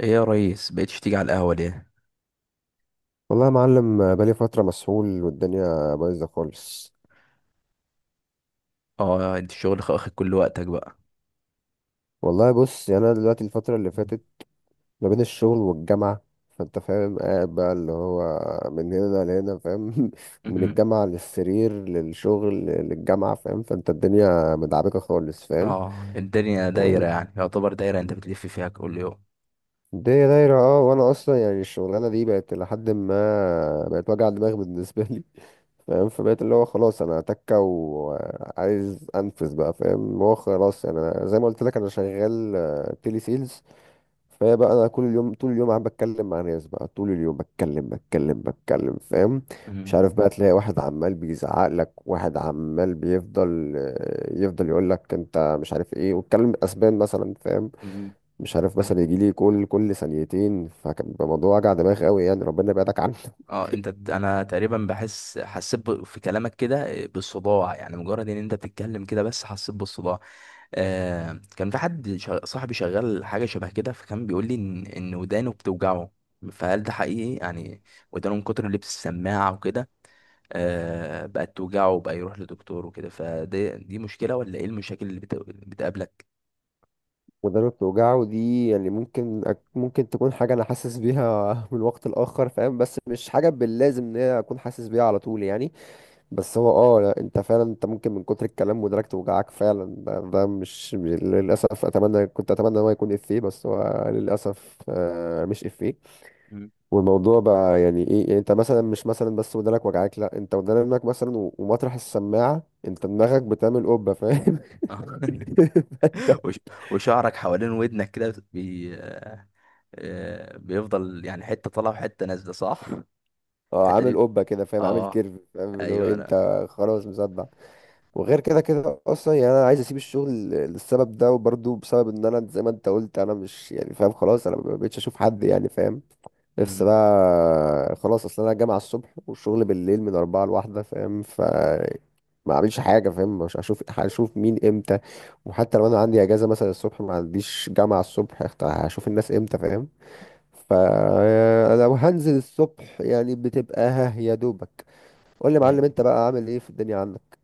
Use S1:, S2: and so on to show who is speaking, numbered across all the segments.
S1: ايه يا ريس بقيتش تيجي على القهوة ليه؟
S2: والله يا معلم بقالي فترة مسحول والدنيا بايظة خالص.
S1: اه انت الشغل واخد كل وقتك بقى.
S2: والله بص، يعني أنا دلوقتي الفترة اللي فاتت ما بين الشغل والجامعة، فأنت فاهم، قاعد بقى اللي هو من هنا لهنا فاهم. من
S1: مهم.
S2: الجامعة للسرير للشغل للجامعة فاهم، فأنت الدنيا مدعبكة خالص
S1: اه الدنيا
S2: فاهم.
S1: دايرة، يعني يعتبر دايرة انت بتلف فيها كل يوم.
S2: الدنيا دايرة، وانا اصلا يعني الشغلانة دي بقت لحد ما بقت وجع دماغ بالنسبة لي فاهم. فبقيت اللي هو خلاص انا هتكة وعايز انفذ بقى فاهم. هو خلاص يعني انا زي ما قلت لك انا شغال تيلي سيلز. فهي بقى انا كل اليوم طول اليوم قاعد بتكلم مع ناس بقى طول اليوم بتكلم بتكلم بتكلم فاهم. مش
S1: مهم.
S2: عارف بقى، تلاقي واحد عمال بيزعق لك، واحد عمال بيفضل يفضل يقول لك انت مش عارف ايه، واتكلم اسبان مثلا فاهم.
S1: مهم.
S2: مش عارف، مثلا
S1: طيب.
S2: يجي لي كل ثانيتين، فكان بيبقى موضوع وجع دماغ قوي، يعني ربنا يبعدك عنه.
S1: اه انت انا تقريبا حسيت في كلامك كده، بالصداع، يعني مجرد ان انت بتتكلم كده بس حسيت بالصداع. آه، كان في حد صاحبي شغال حاجة شبه كده، فكان بيقول لي ان ودانه بتوجعه. فهل ده حقيقي يعني؟ ودانه من كتر اللبس السماعة وكده، بقت توجعه وبقى يروح لدكتور وكده. فدي، دي مشكلة ولا ايه المشاكل اللي بتقابلك؟
S2: ودانه بتوجعه دي يعني ممكن ممكن تكون حاجه انا حاسس بيها من وقت لاخر فاهم، بس مش حاجه باللازم ان هي اكون حاسس بيها على طول يعني. بس هو لا، انت فعلا انت ممكن من كتر الكلام ودانك توجعك فعلا. ده مش للاسف. اتمنى كنت اتمنى إن هو يكون افيه، بس هو للاسف مش افيه.
S1: مم.
S2: والموضوع بقى يعني ايه، يعني انت مثلا مش مثلا بس ودانك وجعاك، لا انت ودانك مثلا و- ومطرح السماعه انت دماغك بتعمل قبه فاهم.
S1: آه.
S2: فانت
S1: وش- وشعرك حوالين ودنك كده بيفضل يعني حتة طالعة وحتة نازلة، صح؟
S2: اه
S1: الحتة
S2: عامل
S1: دي.
S2: قبه كده فاهم، عامل
S1: اه.
S2: كيرف فاهم، اللي هو إيه،
S1: ايوه
S2: انت
S1: انا.
S2: خلاص مصدع. وغير كده كده اصلا يعني انا عايز اسيب الشغل للسبب ده، وبرضه بسبب ان انا زي ما انت قلت انا مش يعني فاهم. خلاص انا ما بقتش اشوف حد يعني فاهم. نفسي
S1: مم.
S2: بقى خلاص، اصل انا الجامعه الصبح والشغل بالليل من أربعة لواحدة فاهم، ف ما اعملش حاجه فاهم. مش هشوف مين امتى. وحتى لو انا عندي اجازه مثلا الصبح ما عنديش جامعه الصبح، هشوف الناس امتى فاهم. فلو هنزل الصبح يعني بتبقى ها يا دوبك. قول لي يا معلم،
S1: ايوه.
S2: انت بقى عامل ايه في الدنيا عندك؟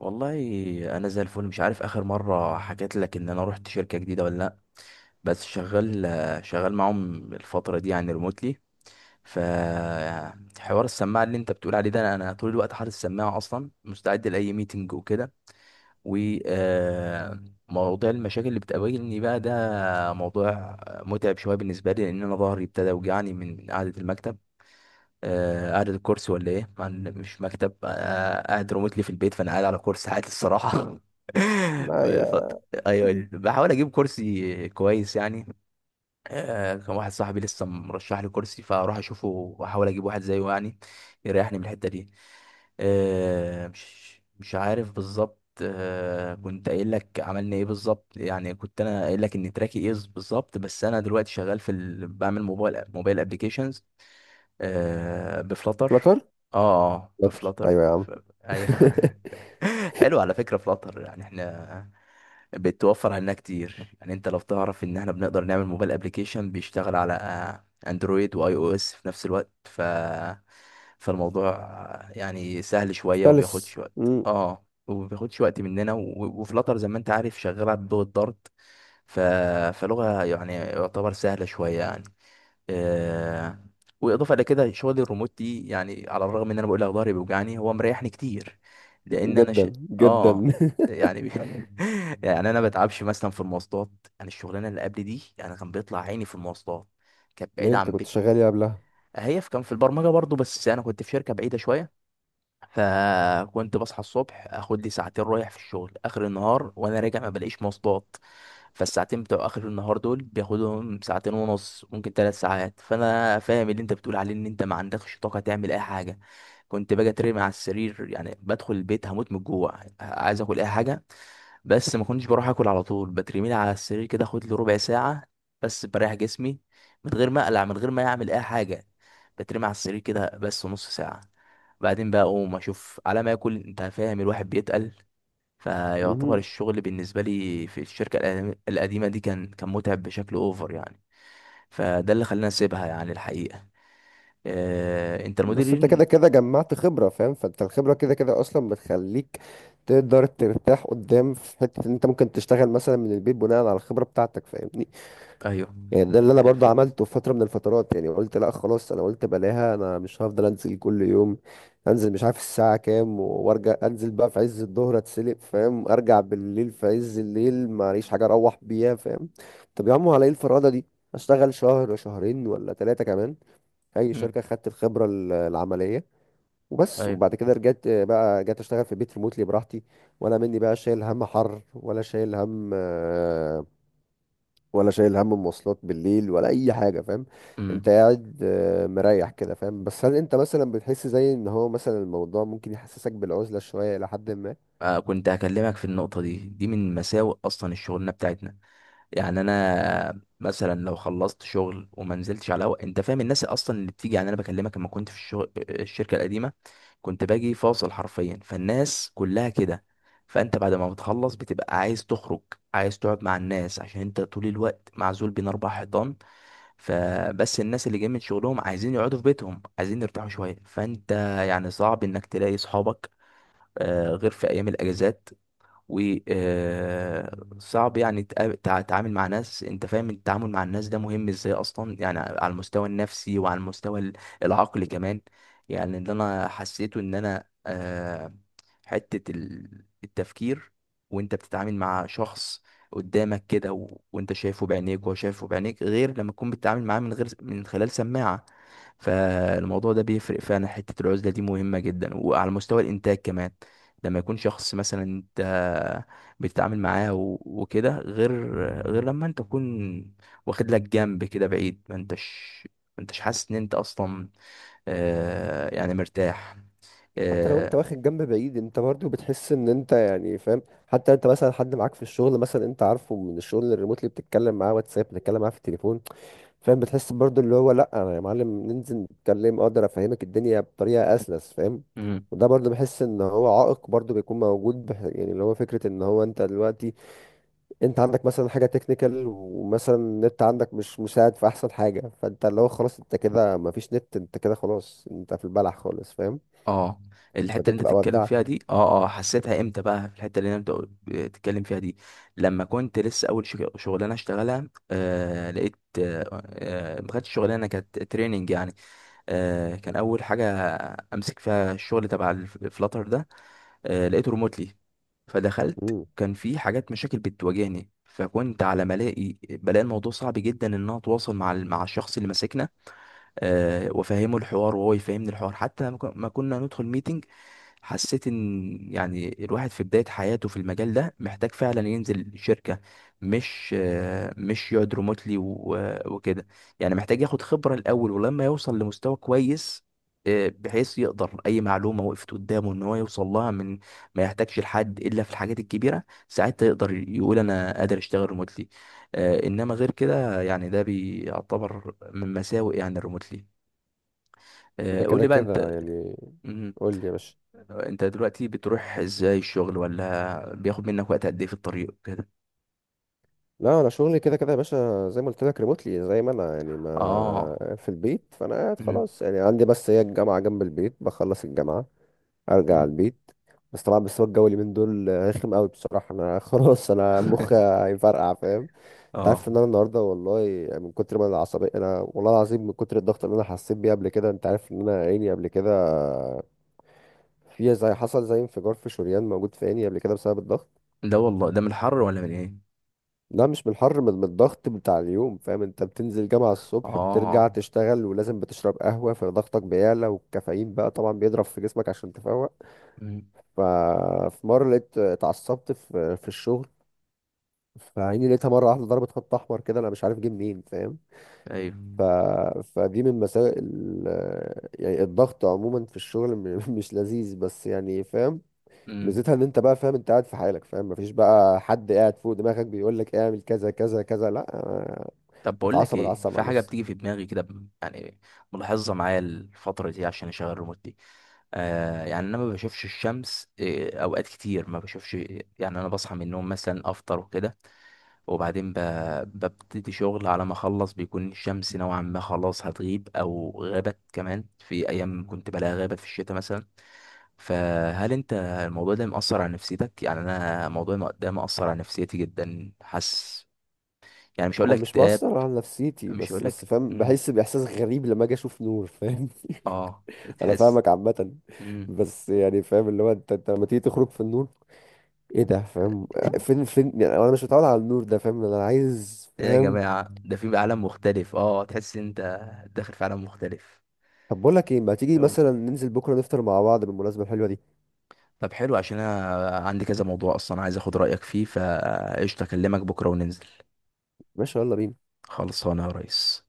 S1: والله انا زي الفل. مش عارف اخر مرة حكيت لك ان انا رحت شركة جديدة ولا لا، بس شغال معاهم الفترة دي يعني ريموتلي. فحوار السماعه اللي انت بتقول عليه ده، أنا طول الوقت حاطط السماعه، اصلا مستعد لاي ميتنج وكده. وموضوع المشاكل اللي بتقابلني بقى، ده موضوع متعب شويه بالنسبه لي، لان انا ظهري ابتدى يوجعني من قعده المكتب، قعده الكرسي ولا ايه، مع إن مش مكتب، قاعد ريموتلي في البيت، فانا قاعد على كرسي عادي الصراحه.
S2: ما يا.
S1: الفترة.
S2: عادي.
S1: ايوه بحاول اجيب كرسي كويس يعني. كان واحد صاحبي لسه مرشح لي كرسي، فاروح اشوفه واحاول اجيب واحد زيه يعني، يريحني من الحته دي، آه، مش مش عارف بالظبط. كنت قايل لك عملنا ايه بالظبط، يعني كنت انا قايل لك ان تراكي ايه بالظبط، بس انا دلوقتي شغال في بعمل موبايل ابلكيشنز، آه بفلاتر.
S2: فلتر.
S1: اه اه
S2: فلتر،
S1: بفلاتر
S2: ايوه يا عم.
S1: ايوه. حلو على فكره. فلاتر يعني احنا بتوفر علينا كتير، يعني انت لو تعرف ان احنا بنقدر نعمل موبايل ابليكيشن بيشتغل على اندرويد واي او اس في نفس الوقت، ف فالموضوع يعني سهل شويه،
S2: ستالس
S1: وبياخدش وقت، وبياخدش وقت مننا. وفلاتر زي ما انت عارف شغاله بلغه دارت، ف... فلغه يعني يعتبر سهله شويه يعني، آه، واضافه الى كده شغل الريموت دي يعني على الرغم ان انا بقول لك ظهري بيوجعني، هو مريحني كتير، لان انا
S2: جدا جدا.
S1: اه يعني، يعني انا ما بتعبش مثلا في المواصلات. انا الشغلانه اللي قبل دي انا كان بيطلع عيني في المواصلات، كانت
S2: ليه،
S1: بعيده
S2: انت
S1: عن
S2: كنت
S1: بيتي.
S2: شغال ايه
S1: هي في كان في البرمجه برضو، بس انا كنت في شركه بعيده شويه، فكنت بصحى الصبح اخد لي ساعتين رايح في الشغل، اخر النهار وانا راجع ما بلاقيش مواصلات، فالساعتين بتوع اخر النهار دول بياخدهم ساعتين ونص، ممكن 3 ساعات. فانا فاهم اللي انت بتقول عليه ان انت ما عندكش طاقه تعمل اي حاجه. كنت باجي اترمي على السرير يعني، بدخل البيت هموت من الجوع عايز اكل اي حاجه، بس ما كنتش بروح اكل على طول، بترميلي على السرير كده اخد لي ربع ساعه بس بريح جسمي، من غير ما اقلع، من غير ما اعمل اي حاجه، بترمي على السرير كده بس نص ساعه. بعدين بقى اقوم اشوف على ما اكل. انت فاهم الواحد بيتقل. فيعتبر
S2: قبلها؟
S1: الشغل بالنسبه لي في الشركه القديمه دي كان متعب بشكل اوفر يعني. فده اللي خلاني اسيبها يعني الحقيقه. انت
S2: بس انت كده
S1: المديرين.
S2: كده جمعت خبرة فاهم، فانت الخبرة كده كده اصلا بتخليك تقدر ترتاح قدام في حتة ان انت ممكن تشتغل مثلا من البيت بناء على الخبرة بتاعتك فاهمني.
S1: ايوه.
S2: يعني ده اللي انا برضو
S1: الف...
S2: عملته في فترة من الفترات، يعني قلت لا خلاص، انا قلت بلاها، انا مش هفضل انزل كل يوم. انزل مش عارف الساعة كام وارجع، انزل بقى في عز الظهر اتسلق فاهم، ارجع بالليل في عز الليل معليش حاجة اروح بيها فاهم. طب يا عم على ايه الفرادة دي؟ اشتغل شهر، شهرين ولا ثلاثة كمان، اي
S1: مم.
S2: شركة، خدت الخبرة العملية وبس.
S1: ايوه.
S2: وبعد كده رجعت، بقى جيت اشتغل في البيت ريموتلي براحتي. ولا مني بقى شايل هم حر، ولا شايل هم ولا شايل هم مواصلات بالليل ولا اي حاجه فاهم. انت
S1: مم.
S2: قاعد مريح كده فاهم. بس هل انت مثلا بتحس زي ان هو مثلا الموضوع ممكن يحسسك بالعزله شويه الى حد ما؟
S1: آه كنت هكلمك في النقطه دي. دي من مساوئ اصلا الشغلانه بتاعتنا. يعني انا مثلا لو خلصت شغل وما نزلتش على هوا، انت فاهم، الناس اصلا اللي بتيجي يعني انا بكلمك لما كنت في الشغل الشركه القديمه، كنت باجي فاصل حرفيا، فالناس كلها كده. فانت بعد ما بتخلص بتبقى عايز تخرج، عايز تقعد مع الناس، عشان انت طول الوقت معزول بين اربع حيطان. فبس الناس اللي جايين من شغلهم عايزين يقعدوا في بيتهم، عايزين يرتاحوا شويه، فانت يعني صعب انك تلاقي صحابك، غير في ايام الاجازات. وصعب يعني تتعامل مع ناس. انت فاهم التعامل مع الناس ده مهم ازاي اصلا، يعني على المستوى النفسي وعلى المستوى العقلي كمان. يعني اللي انا حسيته ان انا، حتة التفكير، وانت بتتعامل مع شخص قدامك كده وانت شايفه بعينيك وهو شايفه بعينيك، غير لما تكون بتتعامل معاه من غير من خلال سماعة. فالموضوع ده بيفرق فعلا. حتة العزلة دي مهمة جدا، وعلى مستوى الإنتاج كمان، لما يكون شخص مثلا انت بتتعامل معاه وكده، غير لما انت تكون واخد لك جنب كده بعيد، ما انتش حاسس ان انت اصلا، يعني مرتاح.
S2: حتى لو انت
S1: آه.
S2: واخد جنب بعيد، انت برضو بتحس ان انت يعني فاهم. حتى انت مثلا حد معاك في الشغل مثلا، انت عارفه، من الشغل الريموتلي بتتكلم معاه واتساب، بتتكلم معاه في التليفون فاهم، بتحس برضو اللي هو لا انا يا معلم ننزل نتكلم اقدر افهمك الدنيا بطريقه اسلس فاهم. وده برضو بحس ان هو عائق برضو بيكون موجود يعني اللي هو فكره ان هو انت دلوقتي، انت عندك مثلا حاجه تكنيكال، ومثلا النت عندك مش مساعد في احسن حاجه، فانت اللي هو خلاص انت كده مفيش نت، انت كده خلاص انت في البلح خالص فاهم،
S1: اه، الحته
S2: فانت
S1: اللي انت
S2: بتبقى
S1: بتتكلم فيها
S2: ودعت.
S1: دي، حسيتها امتى بقى؟ في الحته اللي انت بتتكلم فيها دي، لما كنت لسه اول شغلانه اشتغلها، لقيت، ما كانتش شغلانه، كانت تريننج يعني. كان اول حاجه امسك فيها الشغل تبع الفلاتر ده، لقيته ريموتلي. فدخلت
S2: مم.
S1: كان في حاجات مشاكل بتواجهني، فكنت على ما الاقي بلاقي الموضوع صعب جدا ان انا اتواصل مع مع الشخص اللي ماسكنا، وافهمه الحوار وهو يفهمني الحوار. حتى لما ما كنا ندخل ميتنج، حسيت ان يعني الواحد في بداية حياته في المجال ده محتاج فعلا ينزل شركة، مش يقعد ريموتلي وكده. يعني محتاج ياخد خبرة الأول، ولما يوصل لمستوى كويس، بحيث يقدر أي معلومة وقفت قدامه إن هو يوصل لها من ما يحتاجش لحد إلا في الحاجات الكبيرة، ساعتها يقدر يقول أنا قادر أشتغل ريموتلي. إنما غير كده يعني ده بيعتبر من مساوئ يعني الريموتلي.
S2: ده
S1: قول
S2: كده
S1: لي بقى
S2: كده يعني.
S1: أنت،
S2: قول لي يا باشا.
S1: انت دلوقتي بتروح ازاي الشغل؟ ولا بياخد منك وقت قد ايه في الطريق كده؟
S2: لا، انا شغلي كده كده يا باشا، زي ما قلت لك ريموتلي، زي ما انا يعني
S1: اه.
S2: ما في البيت، فانا قاعد
S1: مم.
S2: خلاص يعني عندي بس هي الجامعه جنب البيت، بخلص الجامعه ارجع على
S1: مم.
S2: البيت. بس طبعا بس هو الجو اللي من دول رخم قوي بصراحه، انا خلاص انا مخي هيفرقع فاهم. انت عارف
S1: اه.
S2: ان انا النهارده والله يعني من كتر ما انا عصبي، انا والله العظيم من كتر الضغط اللي انا حسيت بيه قبل كده، انت عارف ان انا عيني قبل كده فيها زي حصل زي انفجار في شريان موجود في عيني قبل كده بسبب الضغط.
S1: ده والله ده من الحر ولا من ايه؟
S2: لا مش من الحر، من الضغط بتاع اليوم فاهم. انت بتنزل جامعة الصبح، بترجع
S1: اه.
S2: تشتغل، ولازم بتشرب قهوة فضغطك بيعلى، والكافيين بقى طبعا بيضرب في جسمك عشان تفوق.
S1: مم.
S2: ففي مرة لقيت اتعصبت في الشغل، فعيني لقيتها مرة واحدة ضربت خط أحمر كده، أنا مش عارف جه منين فاهم.
S1: ايوه.
S2: ف... فدي من مساوئ يعني الضغط عموما في الشغل مش لذيذ بس يعني فاهم.
S1: مم.
S2: ميزتها ان انت بقى فاهم، انت قاعد في حالك فاهم، مفيش بقى حد قاعد فوق دماغك بيقول لك اعمل كذا كذا كذا، لا
S1: طب بقول لك
S2: اتعصب
S1: ايه،
S2: اتعصب
S1: في
S2: على
S1: حاجه
S2: نفسي.
S1: بتيجي في دماغي كده يعني، ملاحظها معايا الفتره دي عشان اشغل الريموت دي. يعني انا ما بشوفش الشمس، اوقات كتير ما بشوفش. يعني انا بصحى من النوم مثلا افطر وكده، وبعدين ببتدي شغل. على ما اخلص بيكون الشمس نوعا ما خلاص هتغيب او غابت. كمان في ايام كنت بلاقيها غابت في الشتاء مثلا. فهل انت الموضوع ده مأثر على نفسيتك؟ يعني انا الموضوع ده مأثر على نفسيتي جدا، حاسس. يعني مش هقول
S2: هو
S1: لك
S2: مش
S1: اكتئاب،
S2: مؤثر على نفسيتي،
S1: مش
S2: بس
S1: هقول
S2: بس
S1: لك.
S2: فاهم
S1: مم.
S2: بحس باحساس غريب لما اجي اشوف نور فاهم.
S1: اه.
S2: انا
S1: تحس.
S2: فاهمك عامه،
S1: مم.
S2: بس يعني فاهم اللي هو انت لما تيجي تخرج في النور ايه ده فاهم، فين يعني انا مش متعود على النور ده فاهم، انا عايز
S1: ايه يا
S2: فاهم.
S1: جماعة، ده في عالم مختلف. اه، تحس انت داخل في عالم مختلف.
S2: طب بقول لك ايه، ما تيجي مثلا ننزل بكره نفطر مع بعض بالمناسبه الحلوه دي؟
S1: طب حلو، عشان انا عندي كذا موضوع اصلا عايز اخد رايك فيه. فقشطه، اكلمك بكره وننزل.
S2: ماشي يلا بينا.
S1: خلصانه يا ريس.